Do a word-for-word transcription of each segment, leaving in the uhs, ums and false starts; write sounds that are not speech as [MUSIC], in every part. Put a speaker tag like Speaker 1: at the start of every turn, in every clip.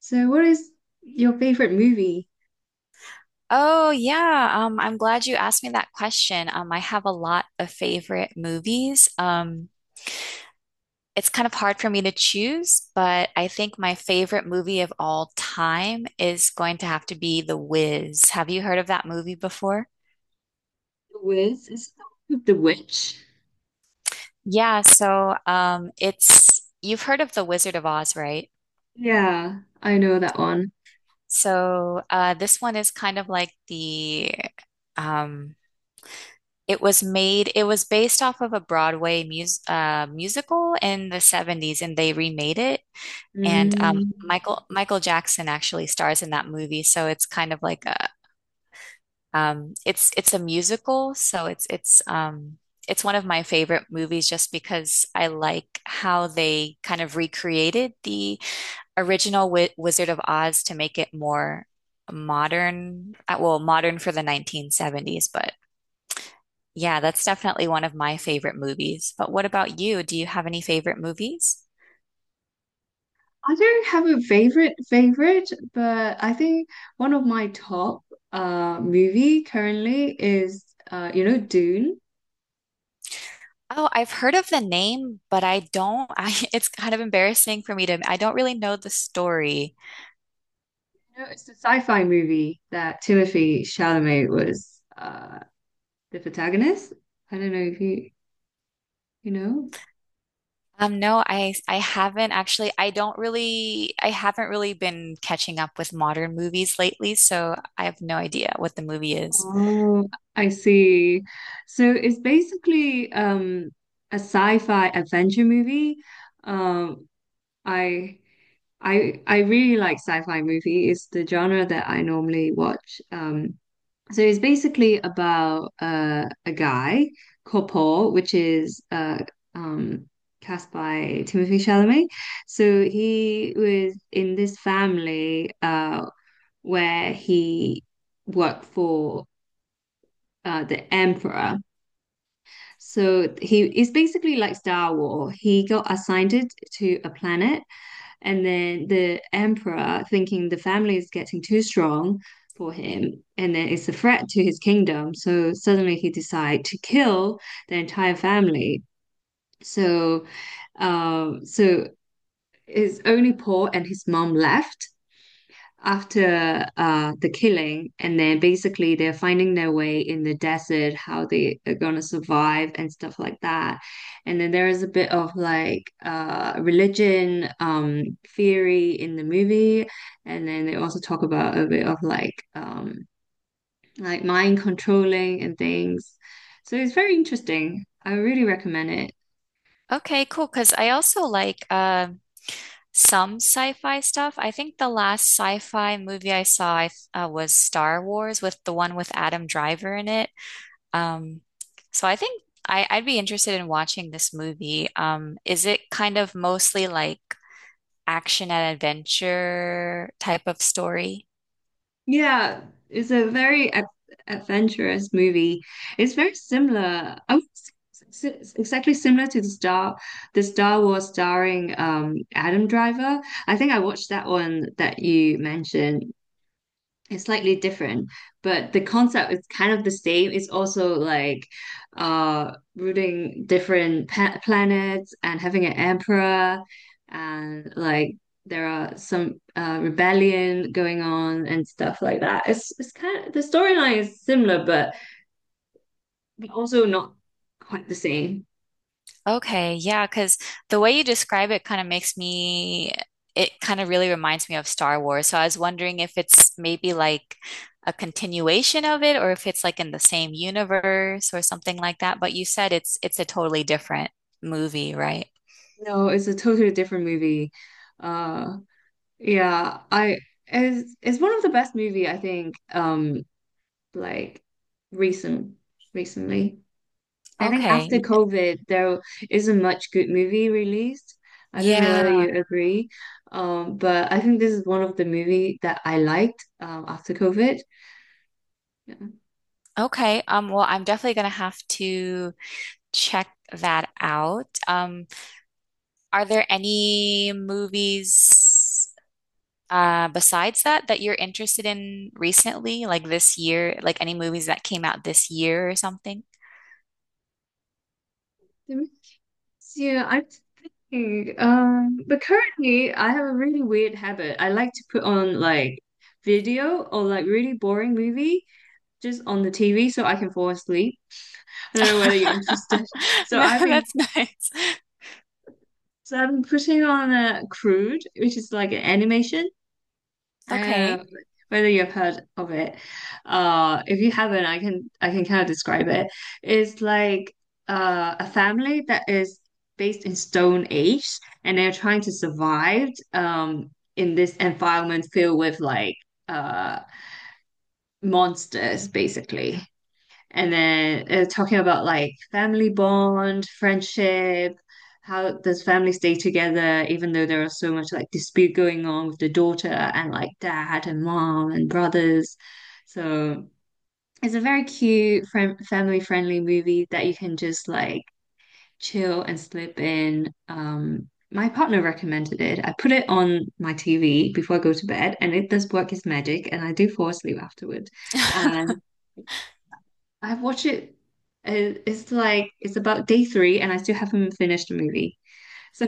Speaker 1: So, what is your favorite movie?
Speaker 2: Oh yeah, um, I'm glad you asked me that question. Um, I have a lot of favorite movies. Um, it's kind of hard for me to choose, but I think my favorite movie of all time is going to have to be The Wiz. Have you heard of that movie before?
Speaker 1: The Wiz, is it the one with the witch?
Speaker 2: Yeah, so um, it's you've heard of The Wizard of Oz, right?
Speaker 1: Yeah, I know that one.
Speaker 2: So uh, this one is kind of like the um, It was made, it was based off of a Broadway mus uh, musical in the seventies and they remade it. And um,
Speaker 1: Mm.
Speaker 2: Michael Michael Jackson actually stars in that movie. So it's kind of like a um, it's it's a musical. So it's it's um, it's one of my favorite movies just because I like how they kind of recreated the original Wi Wizard of Oz to make it more modern, uh, well, modern for the nineteen seventies, but yeah, that's definitely one of my favorite movies. But what about you? Do you have any favorite movies?
Speaker 1: I don't have a favorite favorite, but I think one of my top uh movie currently is uh you know Dune.
Speaker 2: Oh, I've heard of the name, but I don't. [LAUGHS] I it's kind of embarrassing for me to I don't really know the story.
Speaker 1: You know, it's the sci-fi movie that Timothy Chalamet was uh the protagonist. I don't know if you you know.
Speaker 2: Um, no, I I haven't actually. I don't really I haven't really been catching up with modern movies lately, so I have no idea what the movie is.
Speaker 1: Oh, I see. So it's basically um a sci-fi adventure movie. Um, I I I really like sci-fi movie. It's the genre that I normally watch. Um, so it's basically about uh, a guy called Paul, which is uh um cast by Timothy Chalamet. So he was in this family uh where he worked for uh, the emperor. So he is basically like Star Wars. He got assigned it to a planet, and then the emperor, thinking the family is getting too strong for him, and then it's a threat to his kingdom. So suddenly he decide to kill the entire family. So, um, so his only Paul and his mom left after uh, the killing, and then basically they're finding their way in the desert, how they are gonna survive and stuff like that. And then there is a bit of like uh, religion um, theory in the movie, and then they also talk about a bit of like um, like mind controlling and things. So it's very interesting. I really recommend it.
Speaker 2: Okay, cool. Because I also like um some sci-fi stuff. I think the last sci-fi movie I saw I th- uh, was Star Wars with the one with Adam Driver in it. Um, so I think I, I'd be interested in watching this movie. Um, is it kind of mostly like action and adventure type of story?
Speaker 1: Yeah, it's a very ad adventurous movie. It's very similar. I would say it's it's exactly similar to the Star, the Star Wars starring um Adam Driver. I think I watched that one that you mentioned. It's slightly different, but the concept is kind of the same. It's also like uh rooting different pa planets and having an emperor and like there are some uh rebellion going on and stuff like that. It's it's kind of the storyline is similar but but also not quite the same.
Speaker 2: Okay, yeah, because the way you describe it kind of makes me, it kind of really reminds me of Star Wars. So I was wondering if it's maybe like a continuation of it or if it's like in the same universe or something like that. But you said it's it's a totally different movie, right?
Speaker 1: No, it's a totally different movie. Uh yeah, I it's, it's one of the best movie I think um like recent recently. I think after
Speaker 2: Okay.
Speaker 1: COVID, there isn't much good movie released. I don't know whether
Speaker 2: Yeah.
Speaker 1: you agree, um, but I think this is one of the movie that I liked um, after COVID. Yeah,
Speaker 2: Okay. Um, well, I'm definitely gonna have to check that out. Um, are there any movies? Uh, besides that, that you're interested in recently, like this year, like any movies that came out this year or something?
Speaker 1: That makes- yeah, I'm thinking. Um, but currently, I have a really weird habit. I like to put on like video or like really boring movie just on the T V so I can fall asleep. I don't know whether you're interested.
Speaker 2: [LAUGHS]
Speaker 1: [LAUGHS] So
Speaker 2: No,
Speaker 1: I've been
Speaker 2: that's nice.
Speaker 1: So I'm putting on a crude, which is like an animation. Um,
Speaker 2: Okay.
Speaker 1: whether you've heard of it. Uh, if you haven't, I can I can kind of describe it. It's like uh, a family that is based in Stone Age, and they're trying to survive um in this environment filled with like uh monsters, basically. And then uh, talking about like family bond, friendship, how does family stay together even though there are so much like dispute going on with the daughter and like dad and mom and brothers. So it's a very cute friend family friendly movie that you can just like chill and slip in. Um, my partner recommended it. I put it on my T V before I go to bed, and it does work its magic, and I do fall asleep afterward.
Speaker 2: [LAUGHS]
Speaker 1: I watch it. uh, It's like it's about day three, and I still haven't finished the movie. So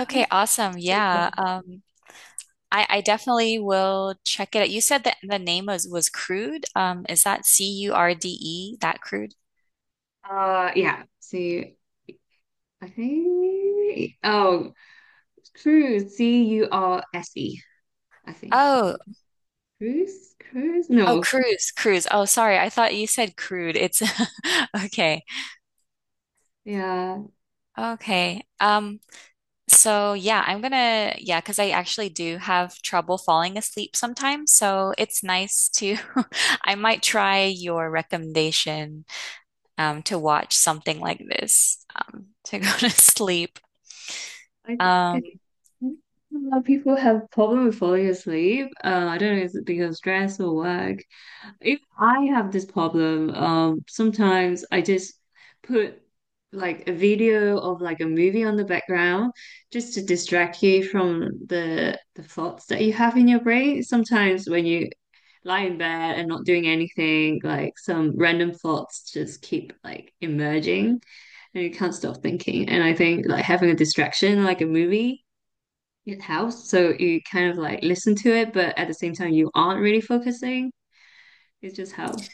Speaker 2: Okay, awesome. Yeah. Um, I, I definitely will check it out. You said that the name was was Crude. Um, is that C U R D E, that Crude?
Speaker 1: uh, yeah. So I think oh, Cruise, C U R S E. I think
Speaker 2: Oh,
Speaker 1: Cruise, Cruise.
Speaker 2: oh,
Speaker 1: No,
Speaker 2: Cruise, Cruise. Oh, sorry. I thought you said Crude. It's [LAUGHS] okay.
Speaker 1: yeah.
Speaker 2: Okay. Um, so yeah, I'm gonna yeah, because I actually do have trouble falling asleep sometimes. So it's nice to [LAUGHS] I might try your recommendation um, to watch something like this um, to go [LAUGHS] to sleep.
Speaker 1: I th- I
Speaker 2: Um,
Speaker 1: think a lot of people have problem with falling asleep. Uh, I don't know, is it because of stress or work? If I have this problem, um, sometimes I just put like a video of like a movie on the background just to distract you from the the thoughts that you have in your brain. Sometimes when you lie in bed and not doing anything, like some random thoughts just keep like emerging and you can't stop thinking. And I think like having a distraction, like a movie, it helps. So you kind of like listen to it, but at the same time you aren't really focusing. It's just how.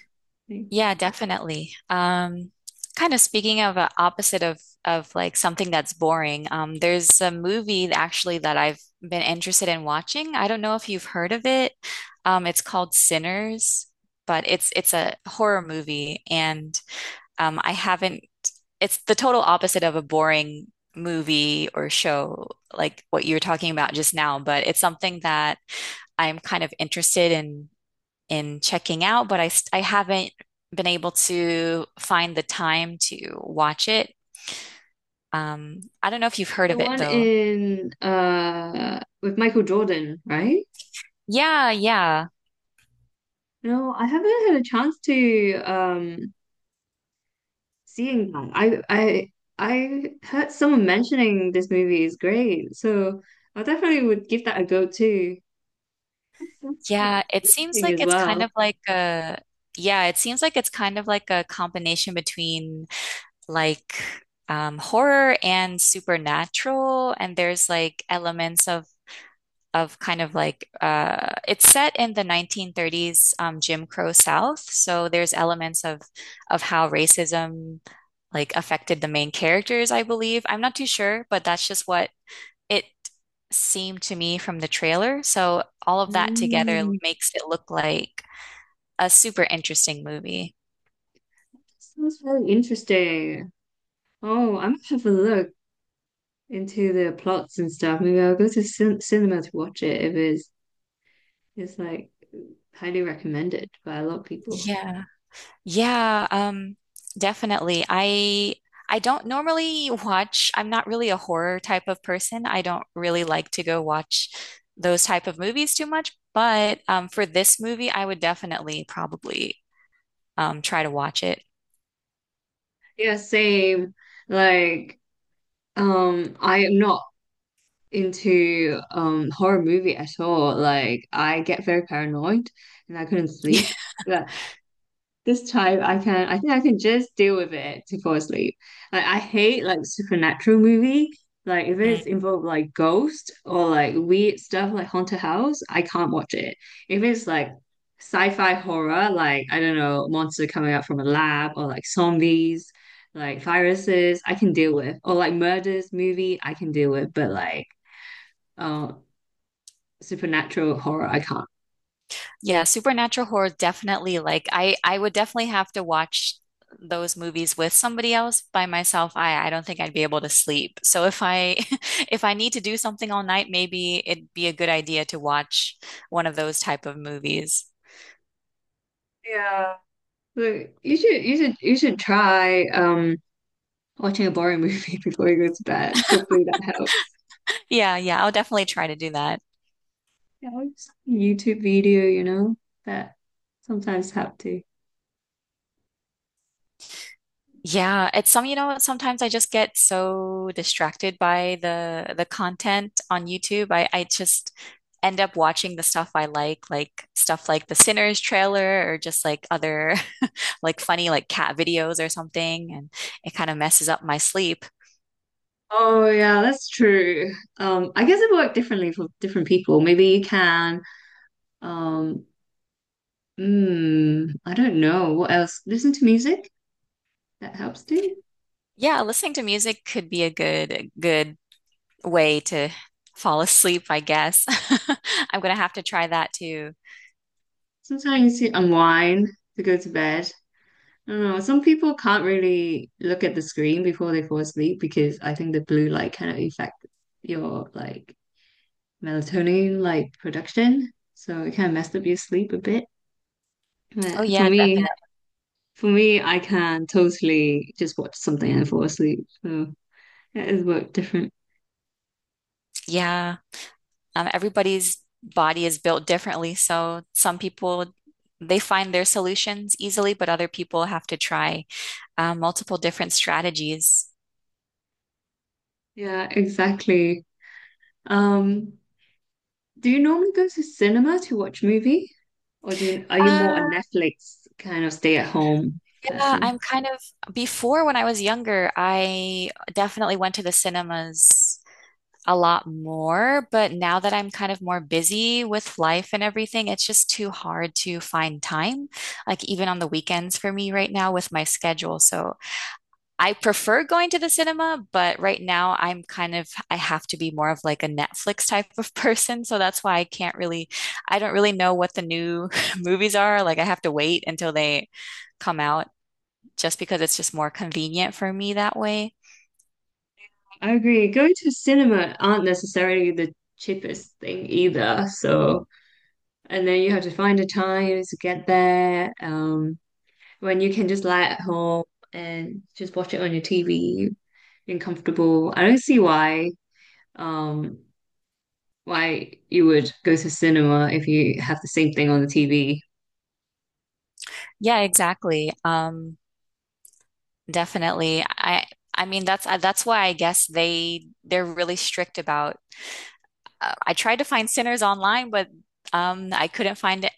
Speaker 1: Like,
Speaker 2: Yeah, definitely. Um, kind of speaking of a opposite of of like something that's boring, um, there's a movie actually that I've been interested in watching. I don't know if you've heard of it. Um, it's called Sinners, but it's it's a horror movie, and um, I haven't. It's the total opposite of a boring movie or show like what you were talking about just now, but it's something that I'm kind of interested in in checking out, but I I haven't been able to find the time to watch it. Um, I don't know if you've heard
Speaker 1: The
Speaker 2: of it
Speaker 1: one
Speaker 2: though.
Speaker 1: in uh with Michael Jordan, right?
Speaker 2: Yeah, yeah.
Speaker 1: No, I haven't had a chance to um seeing that. I I I heard someone mentioning this movie is great, so I definitely would give that a go too. That's so good.
Speaker 2: Yeah, it seems
Speaker 1: Interesting
Speaker 2: like
Speaker 1: as
Speaker 2: it's kind
Speaker 1: well.
Speaker 2: of like a yeah, it seems like it's kind of like a combination between like um horror and supernatural and there's like elements of of kind of like uh, it's set in the nineteen thirties um, Jim Crow South, so there's elements of of how racism like affected the main characters, I believe. I'm not too sure, but that's just what it seemed to me from the trailer. So all of that together
Speaker 1: Mm,
Speaker 2: makes it look like a super interesting movie.
Speaker 1: sounds really interesting. Oh, I'm gonna have a look into the plots and stuff. Maybe I'll go to cin cinema to watch it if it's it's like highly recommended by a lot of people.
Speaker 2: Yeah. Yeah, um, definitely. I I don't normally watch, I'm not really a horror type of person. I don't really like to go watch those type of movies too much, but um, for this movie, I would definitely probably um, try to watch it.
Speaker 1: Yeah, same. Like, um, I am not into um horror movie at all. Like, I get very paranoid and I couldn't sleep. This time I can, I think I can just deal with it to fall asleep. Like I hate like supernatural movie. Like if it's
Speaker 2: [LAUGHS]
Speaker 1: involved like ghost or like weird stuff like Haunted House, I can't watch it. If it's like sci-fi horror, like I don't know, monster coming out from a lab or like zombies, like viruses, I can deal with. Or like murders movie, I can deal with, but like uh supernatural horror, I can't.
Speaker 2: Yeah, supernatural horror definitely like I I would definitely have to watch those movies with somebody else by myself. I I don't think I'd be able to sleep. So if I [LAUGHS] if I need to do something all night, maybe it'd be a good idea to watch one of those type of movies.
Speaker 1: Yeah. Look, you should you should you should try um watching a boring movie [LAUGHS] before you go to bed. Hopefully that helps.
Speaker 2: Yeah, yeah, I'll definitely try to do that.
Speaker 1: Helps. YouTube video, you know, that sometimes help too.
Speaker 2: Yeah, it's some, you know, what, sometimes I just get so distracted by the the content on YouTube. I I just end up watching the stuff I like, like stuff like the Sinners trailer or just like other [LAUGHS] like funny like cat videos or something, and it kind of messes up my sleep.
Speaker 1: Oh yeah, that's true. Um, I guess it worked differently for different people. Maybe you can, um, mm, I don't know what else. Listen to music, that helps too.
Speaker 2: Yeah, listening to music could be a good good way to fall asleep, I guess. [LAUGHS] I'm gonna have to try that too.
Speaker 1: Sometimes you unwind to go to bed. I don't know. Some people can't really look at the screen before they fall asleep because I think the blue light kind of affect your like melatonin like production, so it can mess up your sleep a bit.
Speaker 2: Oh
Speaker 1: But for
Speaker 2: yeah,
Speaker 1: me,
Speaker 2: definitely.
Speaker 1: for me, I can totally just watch something and fall asleep. So it is work different.
Speaker 2: Yeah. Um, everybody's body is built differently. So some people, they find their solutions easily, but other people have to try uh, multiple different strategies.
Speaker 1: Yeah, exactly. Um, do you normally go to cinema to watch movie, or do you, are you
Speaker 2: Uh,
Speaker 1: more a Netflix kind of stay at home
Speaker 2: yeah,
Speaker 1: person?
Speaker 2: I'm kind of, before when I was younger, I definitely went to the cinemas a lot more, but now that I'm kind of more busy with life and everything, it's just too hard to find time, like even on the weekends for me right now with my schedule. So I prefer going to the cinema, but right now I'm kind of, I have to be more of like a Netflix type of [LAUGHS] person. So that's why I can't really, I don't really know what the new [LAUGHS] movies are. Like I have to wait until they come out just because it's just more convenient for me that way.
Speaker 1: I agree. Going to cinema aren't necessarily the cheapest thing either. So, and then you have to find the time to get there. Um, when you can just lie at home and just watch it on your T V and comfortable. I don't see why um why you would go to cinema if you have the same thing on the T V.
Speaker 2: Yeah, exactly. Um, definitely. I, I mean, that's, uh, that's why I guess they, they're really strict about, uh, I tried to find Sinners online, but um, I couldn't find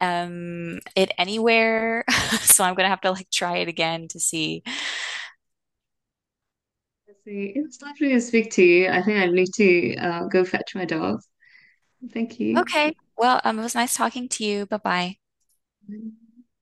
Speaker 2: um it anywhere. [LAUGHS] So I'm gonna have to like try it again to see.
Speaker 1: Let's see. It was lovely to speak to you. I think I need to uh, go fetch my dog. Thank you.
Speaker 2: Okay. Well, um, it was nice talking to you. Bye bye.